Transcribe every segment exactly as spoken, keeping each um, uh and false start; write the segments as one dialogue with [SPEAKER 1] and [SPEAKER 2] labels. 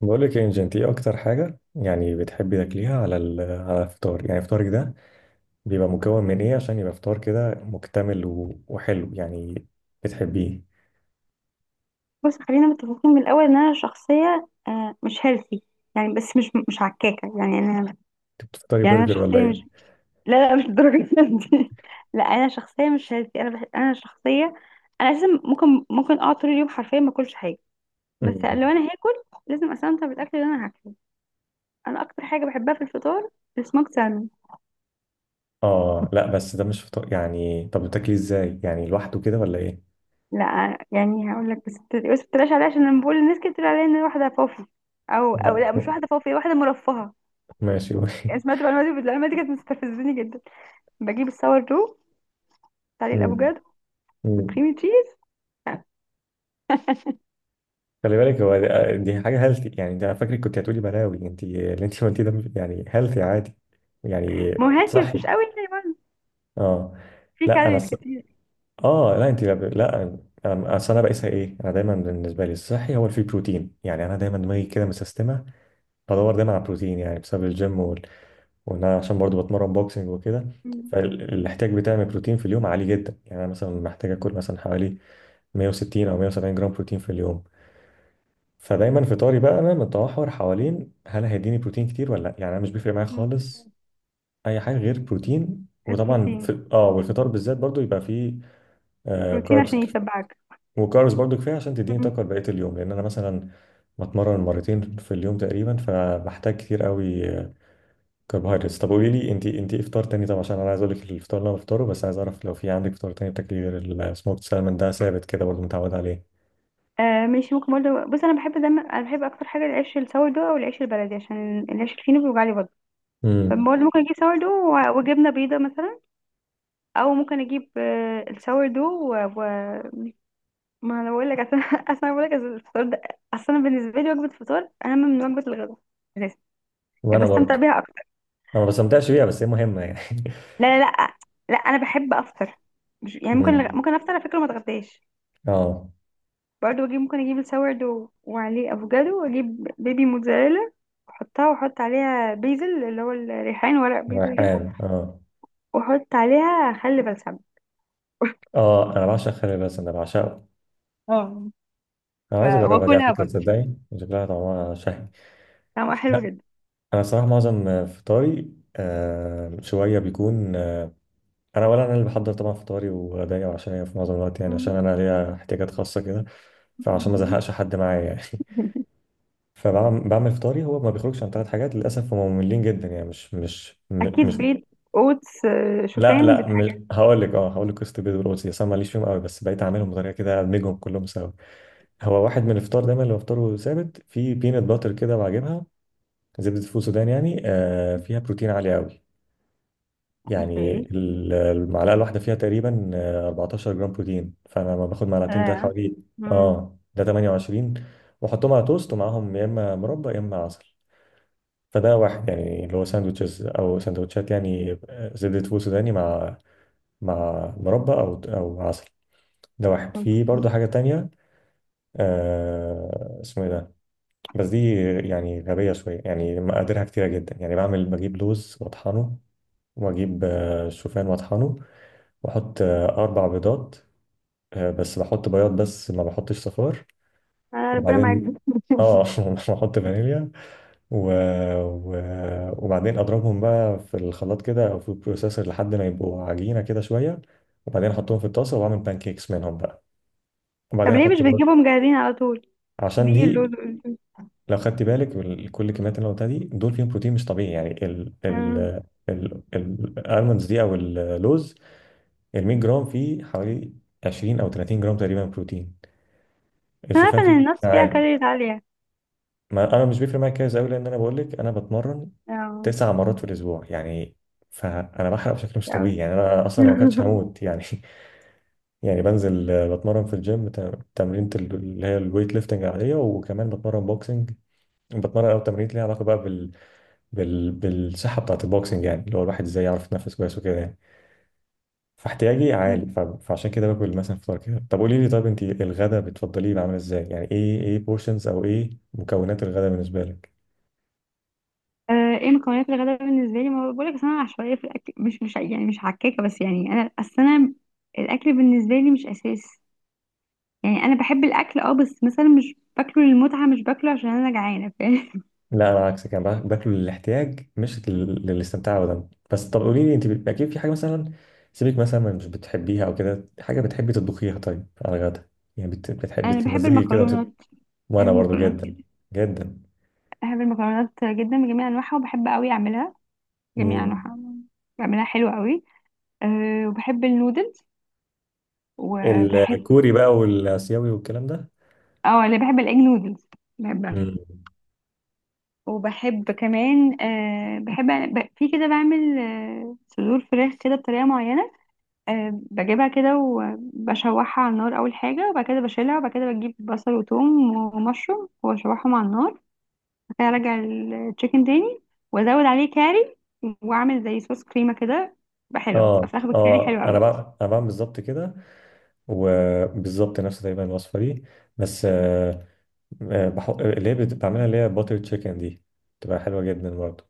[SPEAKER 1] بقول لك يا انجي، انت ايه اكتر حاجه يعني بتحبي تاكليها على ال- على الفطار؟ يعني فطارك ده بيبقى مكون من ايه عشان يبقى فطار كده مكتمل و- وحلو يعني، بتحبيه؟
[SPEAKER 2] بص، خلينا متفقين من الاول ان انا شخصيه، آه، مش هيلثي يعني. بس مش مش عكاكه يعني. انا
[SPEAKER 1] انت بتفطري
[SPEAKER 2] يعني انا
[SPEAKER 1] برجر ولا
[SPEAKER 2] شخصيه
[SPEAKER 1] ايه؟
[SPEAKER 2] مش لا لا، مش الدرجه دي. لا انا شخصيه مش هيلثي. انا بح... انا شخصيه انا لازم. ممكن ممكن اقعد طول اليوم حرفيا ما اكلش حاجه، بس لو
[SPEAKER 1] مم.
[SPEAKER 2] انا هاكل لازم استمتع بالاكل اللي انا هاكله. انا اكتر حاجه بحبها في الفطار السموك سالمون.
[SPEAKER 1] اه، لا، بس ده مش فطار يعني. طب بتاكلي ازاي يعني، لوحده كده ولا ايه؟
[SPEAKER 2] لا يعني هقول لك، بس بت- بس ما تقلقش عليا، عشان لما بقول للناس كده بتقول عليا ان انا واحده فوفي. او او
[SPEAKER 1] لا
[SPEAKER 2] لا، مش
[SPEAKER 1] م-
[SPEAKER 2] واحده فوفي، واحده مرفهه
[SPEAKER 1] ماشي، قولي.
[SPEAKER 2] يعني. سمعت المعلومه دي، المعلومه دي كانت مستفزني جدا. بجيب الساور دو عليه
[SPEAKER 1] مم.
[SPEAKER 2] الافوكادو
[SPEAKER 1] مم.
[SPEAKER 2] والكريم تشيز.
[SPEAKER 1] خلي بالك، هو دي دي حاجه هيلثي يعني؟ ده انا فاكرك كنت هتقولي بلاوي. انت اللي انت قلتيه ده يعني هيلثي عادي يعني.
[SPEAKER 2] ما هو هيلثي بس
[SPEAKER 1] صحي.
[SPEAKER 2] مش قوي يعني برضه،
[SPEAKER 1] اه.
[SPEAKER 2] في
[SPEAKER 1] لا انا.
[SPEAKER 2] كالوريز كتير.
[SPEAKER 1] اه لا انت، لا. أنا- اصل انا بقيسها ايه؟ انا دايما بالنسبه لي الصحي هو اللي فيه بروتين، يعني انا دايما دماغي كده مسيستمه، بدور دايما على بروتين، يعني بسبب الجيم وال... وان انا عشان برضو بتمرن بوكسنج وكده.
[SPEAKER 2] مم.
[SPEAKER 1] فالاحتياج بتاعي من البروتين في اليوم عالي جدا، يعني انا مثلا محتاج اكل مثلا حوالي مية وستين او مية وسبعين جرام بروتين في اليوم. فدايما فطاري بقى انا متمحور حوالين هل هيديني بروتين كتير ولا لا، يعني انا مش بيفرق معايا
[SPEAKER 2] مم.
[SPEAKER 1] خالص اي حاجه غير بروتين. وطبعا
[SPEAKER 2] البروتين،
[SPEAKER 1] في اه والفطار بالذات برضو يبقى فيه
[SPEAKER 2] بروتين عشان
[SPEAKER 1] كاربس،
[SPEAKER 2] يشبعك.
[SPEAKER 1] وكاربس برضو كفايه عشان تديني
[SPEAKER 2] مم.
[SPEAKER 1] طاقه لبقيه اليوم، لان انا مثلا بتمرن مرتين في اليوم تقريبا، فبحتاج كتير قوي كربوهيدرات. طب قولي لي، انت انت إيه افطار تاني؟ طب عشان انا عايز اقول لك الفطار اللي انا بفطره، بس عايز اعرف لو في عندك فطار تاني بتاكلي غير السموكت سالمون ده، ثابت كده برضو، متعود عليه.
[SPEAKER 2] آه ماشي. ممكن برضه، بص، انا بحب دايما، انا بحب اكتر حاجه العيش الساور دو او العيش البلدي، عشان العيش الفينو بيوجع لي برضه.
[SPEAKER 1] امم.
[SPEAKER 2] فبرضه ممكن اجيب ساور دو و- وجبنه بيضه مثلا، او ممكن اجيب آه الساور دو و... و... ما انا بقول لك اصل اصل انا بقول لك الفطار ده، اصل انا بالنسبه لي وجبه الفطار اهم من وجبه الغداء أساساً.
[SPEAKER 1] وانا
[SPEAKER 2] بستمتع
[SPEAKER 1] برضو.
[SPEAKER 2] بيها.
[SPEAKER 1] انا ما بستمتعش بيها بس هي مهمه يعني.
[SPEAKER 2] لا لا لا. لا انا بحب افطر. مش- يعني ممكن
[SPEAKER 1] امم.
[SPEAKER 2] ممكن افطر على فكره، ما اتغداش.
[SPEAKER 1] اه.
[SPEAKER 2] برضه اجيب، ممكن اجيب السورد وعليه افوكادو، واجيب بيبي موتزاريلا، واحطها واحط عليها بيزل اللي هو الريحان، ورق بيزل كده،
[SPEAKER 1] ريحان، اه.
[SPEAKER 2] واحط عليها خل بلسم.
[SPEAKER 1] اه، انا بعشق خلي، بس انا بعشقه.
[SPEAKER 2] اه
[SPEAKER 1] انا
[SPEAKER 2] ف-
[SPEAKER 1] عايز اجربها دي على
[SPEAKER 2] واكلها
[SPEAKER 1] فكره،
[SPEAKER 2] برضه.
[SPEAKER 1] تصدقي شكلها طعمها شهي.
[SPEAKER 2] طعمها حلو جدا.
[SPEAKER 1] انا صراحه معظم آه، فطاري آه، شويه بيكون آه، انا ولا انا اللي بحضر طبعا فطاري وغدايا وعشايا في معظم الوقت، يعني عشان
[SPEAKER 2] مم.
[SPEAKER 1] انا ليا احتياجات خاصه كده، فعشان ما ازهقش حد معايا يعني. فبعمل فطاري هو ما بيخرجش عن ثلاث حاجات، للاسف هم مملين جدا يعني مش مش م-
[SPEAKER 2] اكيد
[SPEAKER 1] مش
[SPEAKER 2] بيض، اوتس، آه،
[SPEAKER 1] لا
[SPEAKER 2] شوفان
[SPEAKER 1] لا
[SPEAKER 2] بتاع
[SPEAKER 1] مش
[SPEAKER 2] كده.
[SPEAKER 1] هقول لك. اه هقول لك، قصه البيض والقدس اصلا ماليش فيهم قوي، بس بقيت اعملهم بطريقه كده ادمجهم كلهم سوا. هو واحد من الفطار دايما اللي بفطره ثابت في بينات باتر كده، بعجبها زبده فول سودان، يعني آه، فيها بروتين عالي قوي. يعني
[SPEAKER 2] اوكي.
[SPEAKER 1] ال- المعلقة الواحدة فيها تقريبا آه، اربعتاشر جرام بروتين، فأنا لما باخد معلقتين ده
[SPEAKER 2] اه.
[SPEAKER 1] حوالي
[SPEAKER 2] مم.
[SPEAKER 1] اه ده تمنية وعشرين. وأحطهم على توست، ومعاهم يا إما مربى يا إما عسل. فده واحد يعني، اللي هو ساندوتشز أو سندوتشات، يعني آه، زبدة فول سوداني مع مع مربى أو أو عسل. ده واحد، في
[SPEAKER 2] اوكي.
[SPEAKER 1] برضه حاجة تانية. آه، اسمه إيه ده؟ بس دي يعني غبية شوية، يعني مقاديرها كتيرة جدا، يعني بعمل، بجيب لوز وأطحنه، وأجيب آه، شوفان وأطحنه، بحط آه، أربع بيضات، آه، بس بحط بياض بس ما بحطش صفار.
[SPEAKER 2] آه، ربنا معاك.
[SPEAKER 1] وبعدين اه بحط فانيليا و... و... وبعدين اضربهم بقى في الخلاط كده او في البروسيسور لحد ما يبقوا عجينه كده شويه. وبعدين احطهم في الطاسه واعمل بانكيكس منهم بقى.
[SPEAKER 2] طب
[SPEAKER 1] وبعدين
[SPEAKER 2] ليه مش
[SPEAKER 1] احط بقى.
[SPEAKER 2] بتجيبهم جاهزين على طول؟
[SPEAKER 1] عشان
[SPEAKER 2] دي اللوز.
[SPEAKER 1] دي، لو خدت بالك وال- كل الكميات اللي أنا قلتها دي، دول فيهم بروتين مش طبيعي، يعني ال ال
[SPEAKER 2] أمم.
[SPEAKER 1] ال الالمونز دي او اللوز، ال مية جرام فيه حوالي عشرين او تلاتين جرام تقريبا بروتين.
[SPEAKER 2] أنا عارفة
[SPEAKER 1] الشوفان فيه
[SPEAKER 2] إن النفس
[SPEAKER 1] بروتين
[SPEAKER 2] فيها
[SPEAKER 1] عالي.
[SPEAKER 2] كالوريز عالية.
[SPEAKER 1] ما انا مش بيفرق معايا كده قوي، لان انا بقول لك انا بتمرن
[SPEAKER 2] اه.
[SPEAKER 1] تسع مرات في الاسبوع يعني، فانا بحرق بشكل مش
[SPEAKER 2] كتير
[SPEAKER 1] طبيعي
[SPEAKER 2] أوي.
[SPEAKER 1] يعني. انا اصلا لو ما اكلتش هموت يعني. يعني بنزل، آه، بتمرن في الجيم تم- تمرينة ال- اللي هي الويت ليفتنج العاديه، وكمان بتمرن بوكسنج. بتمرن او تمرين ليها علاقه بقى بال... بال... بالصحه بتاعت البوكسنج، يعني اللي هو الواحد ازاي يعرف يتنفس كويس وكده يعني. فاحتياجي عالي ف... فعشان كده باكل مثلا فطار كده. طب قولي لي، طب انت الغدا بتفضليه يبقى عامل ازاي؟ يعني ايه ايه بورشنز او ايه مكونات الغدا بالنسبه لك؟
[SPEAKER 2] آه، ايه مكونات الغداء بالنسبة لي؟ ما بقولك، أصل أنا عشوائية في الأكل. مش مش يعني مش حكاكة، بس يعني أنا، أصل أنا الأكل بالنسبة لي مش أساس. يعني أنا بحب الأكل، اه، بس مثلا مش باكله للمتعة، مش باكله عشان أنا جعانة، فاهم؟
[SPEAKER 1] لا انا عكسك، انا باك- باكله للاحتياج مش لل- للاستمتاع ابدا. بس طب قولي لي، انت بت- اكيد في حاجه مثلا سيبك مثلا من مش بتحبيها، او كده حاجه بتحبي تطبخيها طيب على الغدا، يعني بت- بتحبي
[SPEAKER 2] أنا بحب
[SPEAKER 1] تمزجي كده
[SPEAKER 2] المكرونات.
[SPEAKER 1] وت-
[SPEAKER 2] بحب
[SPEAKER 1] وانا برضو
[SPEAKER 2] المكرونات
[SPEAKER 1] جدا.
[SPEAKER 2] جدا.
[SPEAKER 1] جدا.
[SPEAKER 2] بحب المكرونات جدا بجميع أنواعها، وبحب أوي أعملها، جميع
[SPEAKER 1] امم.
[SPEAKER 2] أنواعها. بعملها حلوة أوي. أه، وبحب النودلز، وبحب،
[SPEAKER 1] الكوري بقى والاسيوي والكلام ده.
[SPEAKER 2] اه، انا بحب الاج نودلز، بحبها.
[SPEAKER 1] امم.
[SPEAKER 2] وبحب كمان، آه بحب، ب... في كده بعمل آه صدور فراخ كده بطريقه معينه. آه، بجيبها كده وبشوحها على النار اول حاجه، وبعد كده بشيلها، وبعد كده بجيب بصل وثوم ومشروم واشوحهم على النار، وبعد كده ارجع التشيكن تاني، وازود عليه كاري، واعمل زي صوص كريمه كده. بقى حلوه، بتبقى
[SPEAKER 1] اه.
[SPEAKER 2] فراخ بالكاري
[SPEAKER 1] اه،
[SPEAKER 2] حلوه
[SPEAKER 1] انا
[SPEAKER 2] قوي.
[SPEAKER 1] بقى انا بعمل بالظبط كده وبالظبط نفس تقريبا الوصفه دي، بس آه، آه، بحط اللي هي بت- بعملها اللي هي باتر تشيكن دي، بتبقى حلوه جدا برضو.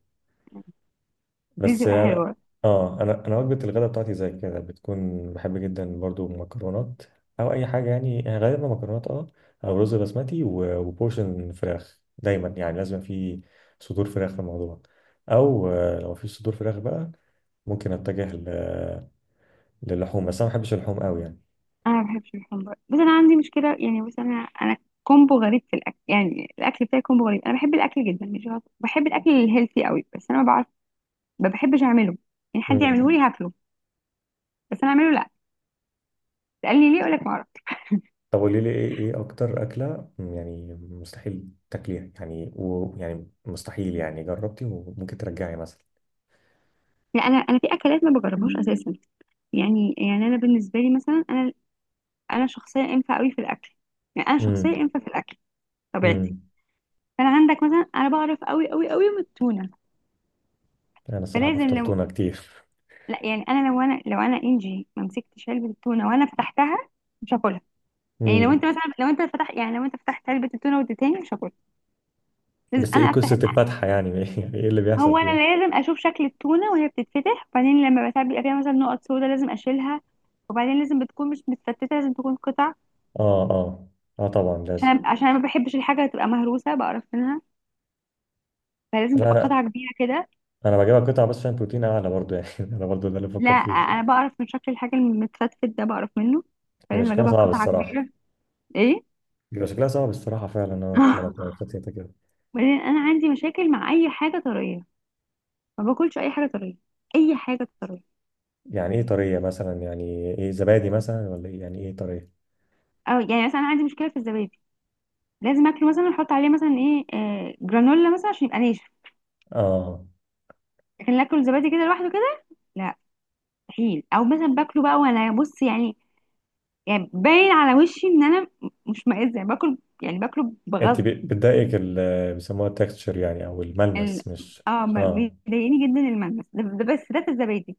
[SPEAKER 2] دي
[SPEAKER 1] بس
[SPEAKER 2] بتبقى
[SPEAKER 1] انا،
[SPEAKER 2] حلوه.
[SPEAKER 1] اه انا، انا وجبه الغداء بتاعتي زي كده بتكون بحب جدا برضو مكرونات، او اي حاجه يعني غالبا مكرونات اه، او رز بسمتي و- وبورشن فراخ، دايما يعني لازم في صدور فراخ في الموضوع. او آه، لو مفيش صدور فراخ بقى ممكن اتجه ل- للحوم، بس انا ما بحبش اللحوم قوي يعني.
[SPEAKER 2] انا ما بحبش الحمبار، بس انا عندي مشكله يعني. بس انا انا كومبو غريب في الاكل، يعني الاكل بتاعي كومبو غريب. انا بحب الاكل جدا مش غلط، بحب الاكل الهيلثي قوي، بس انا ما بعرف ما بحبش اعمله. يعني حد يعمله
[SPEAKER 1] مم.
[SPEAKER 2] لي هاكله، بس انا اعمله لا. قال لي ليه؟ اقول لك ما اعرف.
[SPEAKER 1] طب قولي لي، ايه ايه اكتر اكله يعني مستحيل تاكليها يعني، ويعني مستحيل يعني جربتي وممكن ترجعي مثلا؟
[SPEAKER 2] لا انا انا في اكلات ما بجربهاش اساسا. يعني يعني انا بالنسبه لي مثلا، انا انا شخصيه انفه قوي في الاكل، يعني انا شخصيه انفه في الاكل، طبيعتي.
[SPEAKER 1] امم.
[SPEAKER 2] فانا عندك مثلا انا بعرف قوي قوي قوي من التونه.
[SPEAKER 1] انا الصراحه
[SPEAKER 2] فلازم
[SPEAKER 1] بفطر
[SPEAKER 2] لو
[SPEAKER 1] تونه كتير.
[SPEAKER 2] لا يعني انا لو انا لو انا انجي ما مسكتش علبه التونه وانا فتحتها، مش هاكلها. يعني لو
[SPEAKER 1] مم.
[SPEAKER 2] انت مثلا، لو انت فتحت يعني لو انت فتحت علبه التونه واديتهاني، مش هاكل. لازم
[SPEAKER 1] بس
[SPEAKER 2] انا
[SPEAKER 1] ايه قصه
[SPEAKER 2] افتح.
[SPEAKER 1] الفتحه يعني؟ يعني ايه اللي
[SPEAKER 2] هو
[SPEAKER 1] بيحصل فيها؟
[SPEAKER 2] انا لازم اشوف شكل التونه وهي بتتفتح، وبعدين لما بتاع بيبقى فيها مثلا نقط سودا لازم اشيلها، وبعدين لازم بتكون مش متفتته، لازم تكون قطع.
[SPEAKER 1] اه، اه. اه طبعا لازم.
[SPEAKER 2] عشان عشان انا ما بحبش الحاجه تبقى مهروسه، بقرف منها. فلازم
[SPEAKER 1] لا
[SPEAKER 2] تبقى
[SPEAKER 1] انا،
[SPEAKER 2] قطعه كبيره كده.
[SPEAKER 1] انا بجيبها قطع بس عشان بروتين اعلى برضو يعني. انا برضو ده اللي
[SPEAKER 2] لا
[SPEAKER 1] بفكر فيه.
[SPEAKER 2] انا بقرف من شكل الحاجه المتفتت ده، بقرف منه.
[SPEAKER 1] هي
[SPEAKER 2] فلازم
[SPEAKER 1] شكلها
[SPEAKER 2] اجيبها
[SPEAKER 1] صعب
[SPEAKER 2] قطعه
[SPEAKER 1] الصراحه.
[SPEAKER 2] كبيره. ايه.
[SPEAKER 1] بيبقى شكلها صعب الصراحه فعلا، اه، لما تبقى فتيتة كده.
[SPEAKER 2] وبعدين انا عندي مشاكل مع اي حاجه طريه. ما باكلش اي حاجه طريه، اي حاجه طريه.
[SPEAKER 1] يعني ايه طريه مثلا؟ يعني ايه، زبادي مثلا ولا ايه؟ يعني ايه طريه؟
[SPEAKER 2] او يعني مثلا انا عندي مشكله في الزبادي، لازم اكله مثلا احط عليه مثلا ايه آه جرانولا مثلا، عشان يبقى ناشف.
[SPEAKER 1] اه.
[SPEAKER 2] لكن اكله زبادي كده لوحده كده، لا، مستحيل. او مثلا باكله بقى وانا بص يعني، يعني باين على وشي ان انا مش مائزه يعني، باكل يعني باكله
[SPEAKER 1] انت
[SPEAKER 2] بغصب
[SPEAKER 1] ب- بتضايقك ال- بيسموها التكستشر يعني، او
[SPEAKER 2] يعني.
[SPEAKER 1] الملمس، مش؟
[SPEAKER 2] اه ب-
[SPEAKER 1] اه.
[SPEAKER 2] بيضايقني جدا الملمس ده، ده بس ده في الزبادي.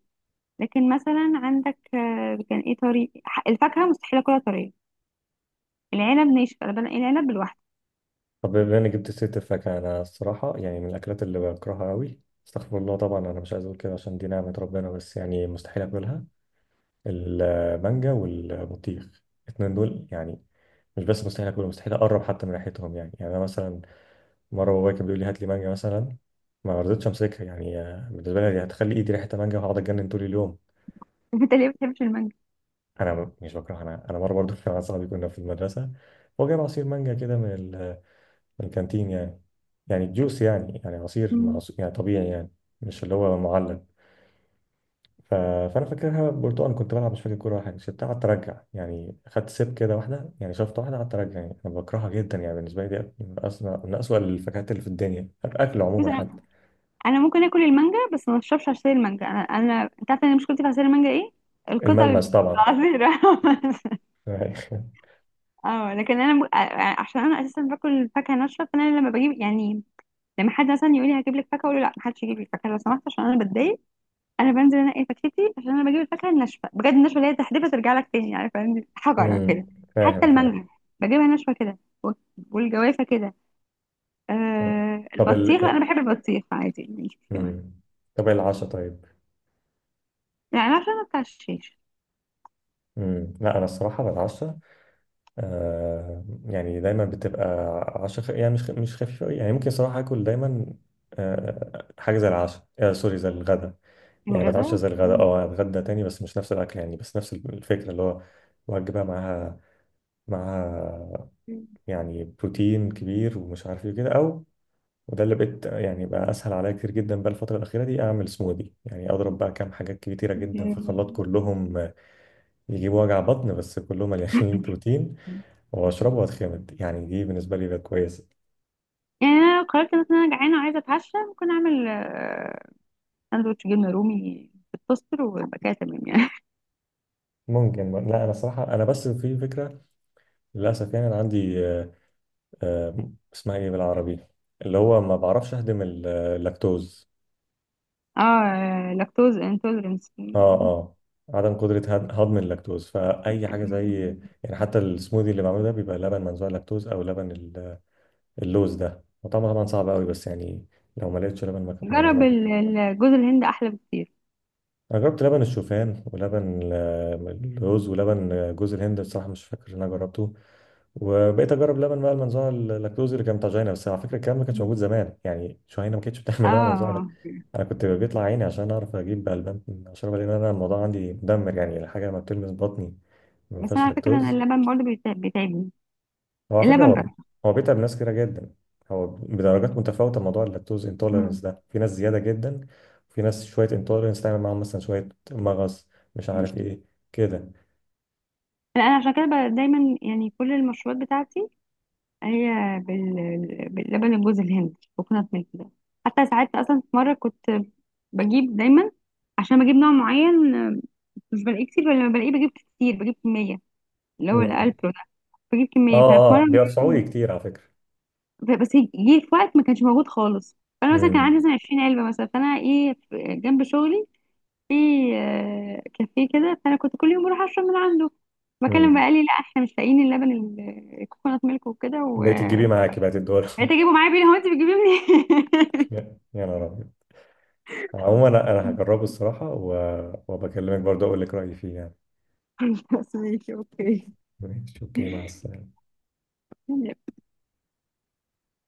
[SPEAKER 2] لكن مثلا عندك، آه، كان ايه طري، ح- الفاكهه مستحيل اكلها طريه. العنب ناشف، انا بنقي العنب لوحده.
[SPEAKER 1] طب بما انك جبت سيرة الفاكهة، انا الصراحة يعني من الاكلات اللي بكرهها قوي، استغفر الله طبعا انا مش عايز اقول كده عشان دي نعمة ربنا، بس يعني مستحيل اكلها: المانجا والبطيخ، الاتنين دول يعني، مش بس مستحيل اكلهم، مستحيل اقرب حتى من ريحتهم يعني. يعني انا مثلا مرة بابايا كان بيقول لي هات لي مانجا مثلا، ما رضيتش امسكها يعني. آه، بالنسبة لي دي هتخلي ايدي ريحة مانجا وهقعد اتجنن طول اليوم.
[SPEAKER 2] انت ليه ما بتحبش المانجا؟
[SPEAKER 1] انا م- مش بكرهها. انا انا مرة برضو كان مع صاحبي كنا في المدرسة، هو جايب عصير مانجا كده من الكانتين يعني، يعني جوس يعني، يعني عصير مع
[SPEAKER 2] مم.
[SPEAKER 1] عص- يعني طبيعي يعني، مش اللي هو معلب. ف... فانا فاكرها برتقال، كنت بلعب مش فاكر كوره ولا حاجه، سبتها قعدت ارجع يعني، خدت سيب كده واحده يعني، شفت واحده قعدت ارجع يعني. انا بكرهها جدا يعني، بالنسبه لي دي من أسوأ من أسوأ الفاكهات اللي في الدنيا، الاكل
[SPEAKER 2] بس
[SPEAKER 1] عموما حتى.
[SPEAKER 2] انا ممكن اكل المانجا بس ما اشربش عصير المانجا. انا انا انت عارفه انا مشكلتي في عصير المانجا ايه؟ القطع اللي
[SPEAKER 1] الملمس
[SPEAKER 2] بتبقى
[SPEAKER 1] طبعا.
[SPEAKER 2] عصير. اه، لكن انا ب... عشان انا اساسا باكل فاكهه ناشفه. فانا لما بجيب يعني، لما حد مثلا يقول لي هجيب لك فاكهه، اقول له لا، ما حدش يجيب لي فاكهه لو سمحت، عشان انا بتضايق. انا بنزل انقي فاكهتي، عشان انا بجيب الفاكهه الناشفه بجد، الناشفه اللي هي تحدفها ترجع لك تاني، عارفه يعني، حجره
[SPEAKER 1] امم.
[SPEAKER 2] كده. حتى
[SPEAKER 1] فاهم فاهم
[SPEAKER 2] المانجا بجيبها ناشفه كده، وال- والجوافه كده.
[SPEAKER 1] طب،
[SPEAKER 2] آه
[SPEAKER 1] طب ال
[SPEAKER 2] البطيخ، انا بحب البطيخ عادي، مش كمان.
[SPEAKER 1] امم، طب العشاء طيب.
[SPEAKER 2] يعني عشان ما بتاع الشيش.
[SPEAKER 1] امم. لا انا الصراحه بالعشاء، آه، يعني دايما بتبقى عشاء خ... يعني مش خ... مش خفيفة أوي، يعني ممكن صراحة آكل دايما آه حاجة زي العشاء، آه، سوري زي الغدا. يعني
[SPEAKER 2] الغداء.
[SPEAKER 1] بتعشى زي الغدا، اه أتغدى تاني بس مش نفس الأكل يعني، بس نفس الفكرة اللي هو وجبة معاها. معاها يعني بروتين كبير، ومش عارف ايه كده، أو، وده اللي بقيت يعني، بقى أسهل عليا كتير جدا بقى الفترة الأخيرة دي، أعمل سموذي، يعني أضرب بقى كام حاجات كتيرة جدا في
[SPEAKER 2] يعني
[SPEAKER 1] خلاط، كلهم آه، يجيبوا وجع بطن بس كلهم مليانين بروتين، واشربه واتخمد يعني. دي بالنسبه لي بقت كويسه.
[SPEAKER 2] أنا لو قررت مثلا أنا جعانة وعايزة أتعشى، ممكن أعمل آه، ساندوتش جبنة رومي في التوستر، ويبقى كده تمام يعني.
[SPEAKER 1] ممكن. لا انا صراحه، انا بس في فكره للاسف يعني. انا عندي آه، آه، اسمها ايه بالعربي؟ اللي هو ما بعرفش اهضم ال- اللاكتوز.
[SPEAKER 2] اه، لاكتوز انتولرنس.
[SPEAKER 1] اه اه، عدم قدره هض- هضم اللاكتوز. فاي حاجه زي، يعني حتى السموذي اللي بعمله ده بيبقى لبن منزوع لاكتوز، او لبن ال- اللوز ده، وطعمه طبعا صعب قوي، بس يعني لو ما لقيتش لبن مك-
[SPEAKER 2] جرب
[SPEAKER 1] منزوع.
[SPEAKER 2] ال- ال- جوز الهند، أحلى بكتير.
[SPEAKER 1] انا جربت لبن الشوفان ولبن ال- الرز، ولبن جوز الهند بصراحه مش فاكر ان انا جربته. وبقيت اجرب لبن بقى المنزوع اللاكتوز اللي كان بتاع جهينه. بس على فكره الكلام ده ما كانش موجود زمان، يعني جهينه ما كانتش بتعمل لبن منزوع ده.
[SPEAKER 2] اه
[SPEAKER 1] انا كنت بيطلع عيني عشان اعرف اجيب بقى اللبن اشربه، لان انا الموضوع عندي مدمر، يعني الحاجه لما بتلمس بطني ما
[SPEAKER 2] بس أنا
[SPEAKER 1] فيهاش
[SPEAKER 2] على فكرة أنا
[SPEAKER 1] لاكتوز.
[SPEAKER 2] اللبن برضه بيتع- بيتعبني،
[SPEAKER 1] هو على فكرة
[SPEAKER 2] اللبن
[SPEAKER 1] هو
[SPEAKER 2] بس.
[SPEAKER 1] هو بيتعب ناس كتيرة جدا. هو بدرجات متفاوتة موضوع اللاكتوز انتولرنس
[SPEAKER 2] مم.
[SPEAKER 1] ده، في ناس زيادة جدا، وفي ناس شوية انتولرنس تعمل معاهم مثلا شوية مغص مش عارف ايه كده.
[SPEAKER 2] لا أنا عشان كده ب- دايما يعني كل المشروبات بتاعتي هي بال... باللبن جوز الهند، كوكونات ميلك ده. حتى ساعات اصلا، في مره كنت بجيب دايما، عشان بجيب نوع معين، آه، مش بلاقيه كتير، ولا لما بلاقيه بجيب كتير، بجيب كميه، اللي هو
[SPEAKER 1] مم.
[SPEAKER 2] الالبرو ده. بجيب
[SPEAKER 1] اه
[SPEAKER 2] كميه، ففي
[SPEAKER 1] اه
[SPEAKER 2] مره
[SPEAKER 1] بيوسعوا لي كتير على فكرة.
[SPEAKER 2] بس جه في وقت ما كانش موجود خالص. فانا مثلا كان عندي
[SPEAKER 1] امم.
[SPEAKER 2] مثلا عشرين علبه مثلا، فانا ايه، في- جنب شغلي في آه، كافيه كده، فانا كنت كل يوم بروح اشرب من عنده. بكلم بقى
[SPEAKER 1] امم.
[SPEAKER 2] قال لي لا احنا مش لاقيين اللبن ال- الكوكونات ميلك وكده و
[SPEAKER 1] بقيت تجيبيه معاكي بقت الدول؟
[SPEAKER 2] بقيت اجيبه معايا بيه. هو انت بتجيبيه منين؟
[SPEAKER 1] يا يا نهار ابيض. عموما انا أنا هجربه الصراحة و... وبكلمك برضه اقول لك رأيي فيه يعني.
[SPEAKER 2] بس ماشي اوكي.
[SPEAKER 1] ماشي اوكي. مع السلامة.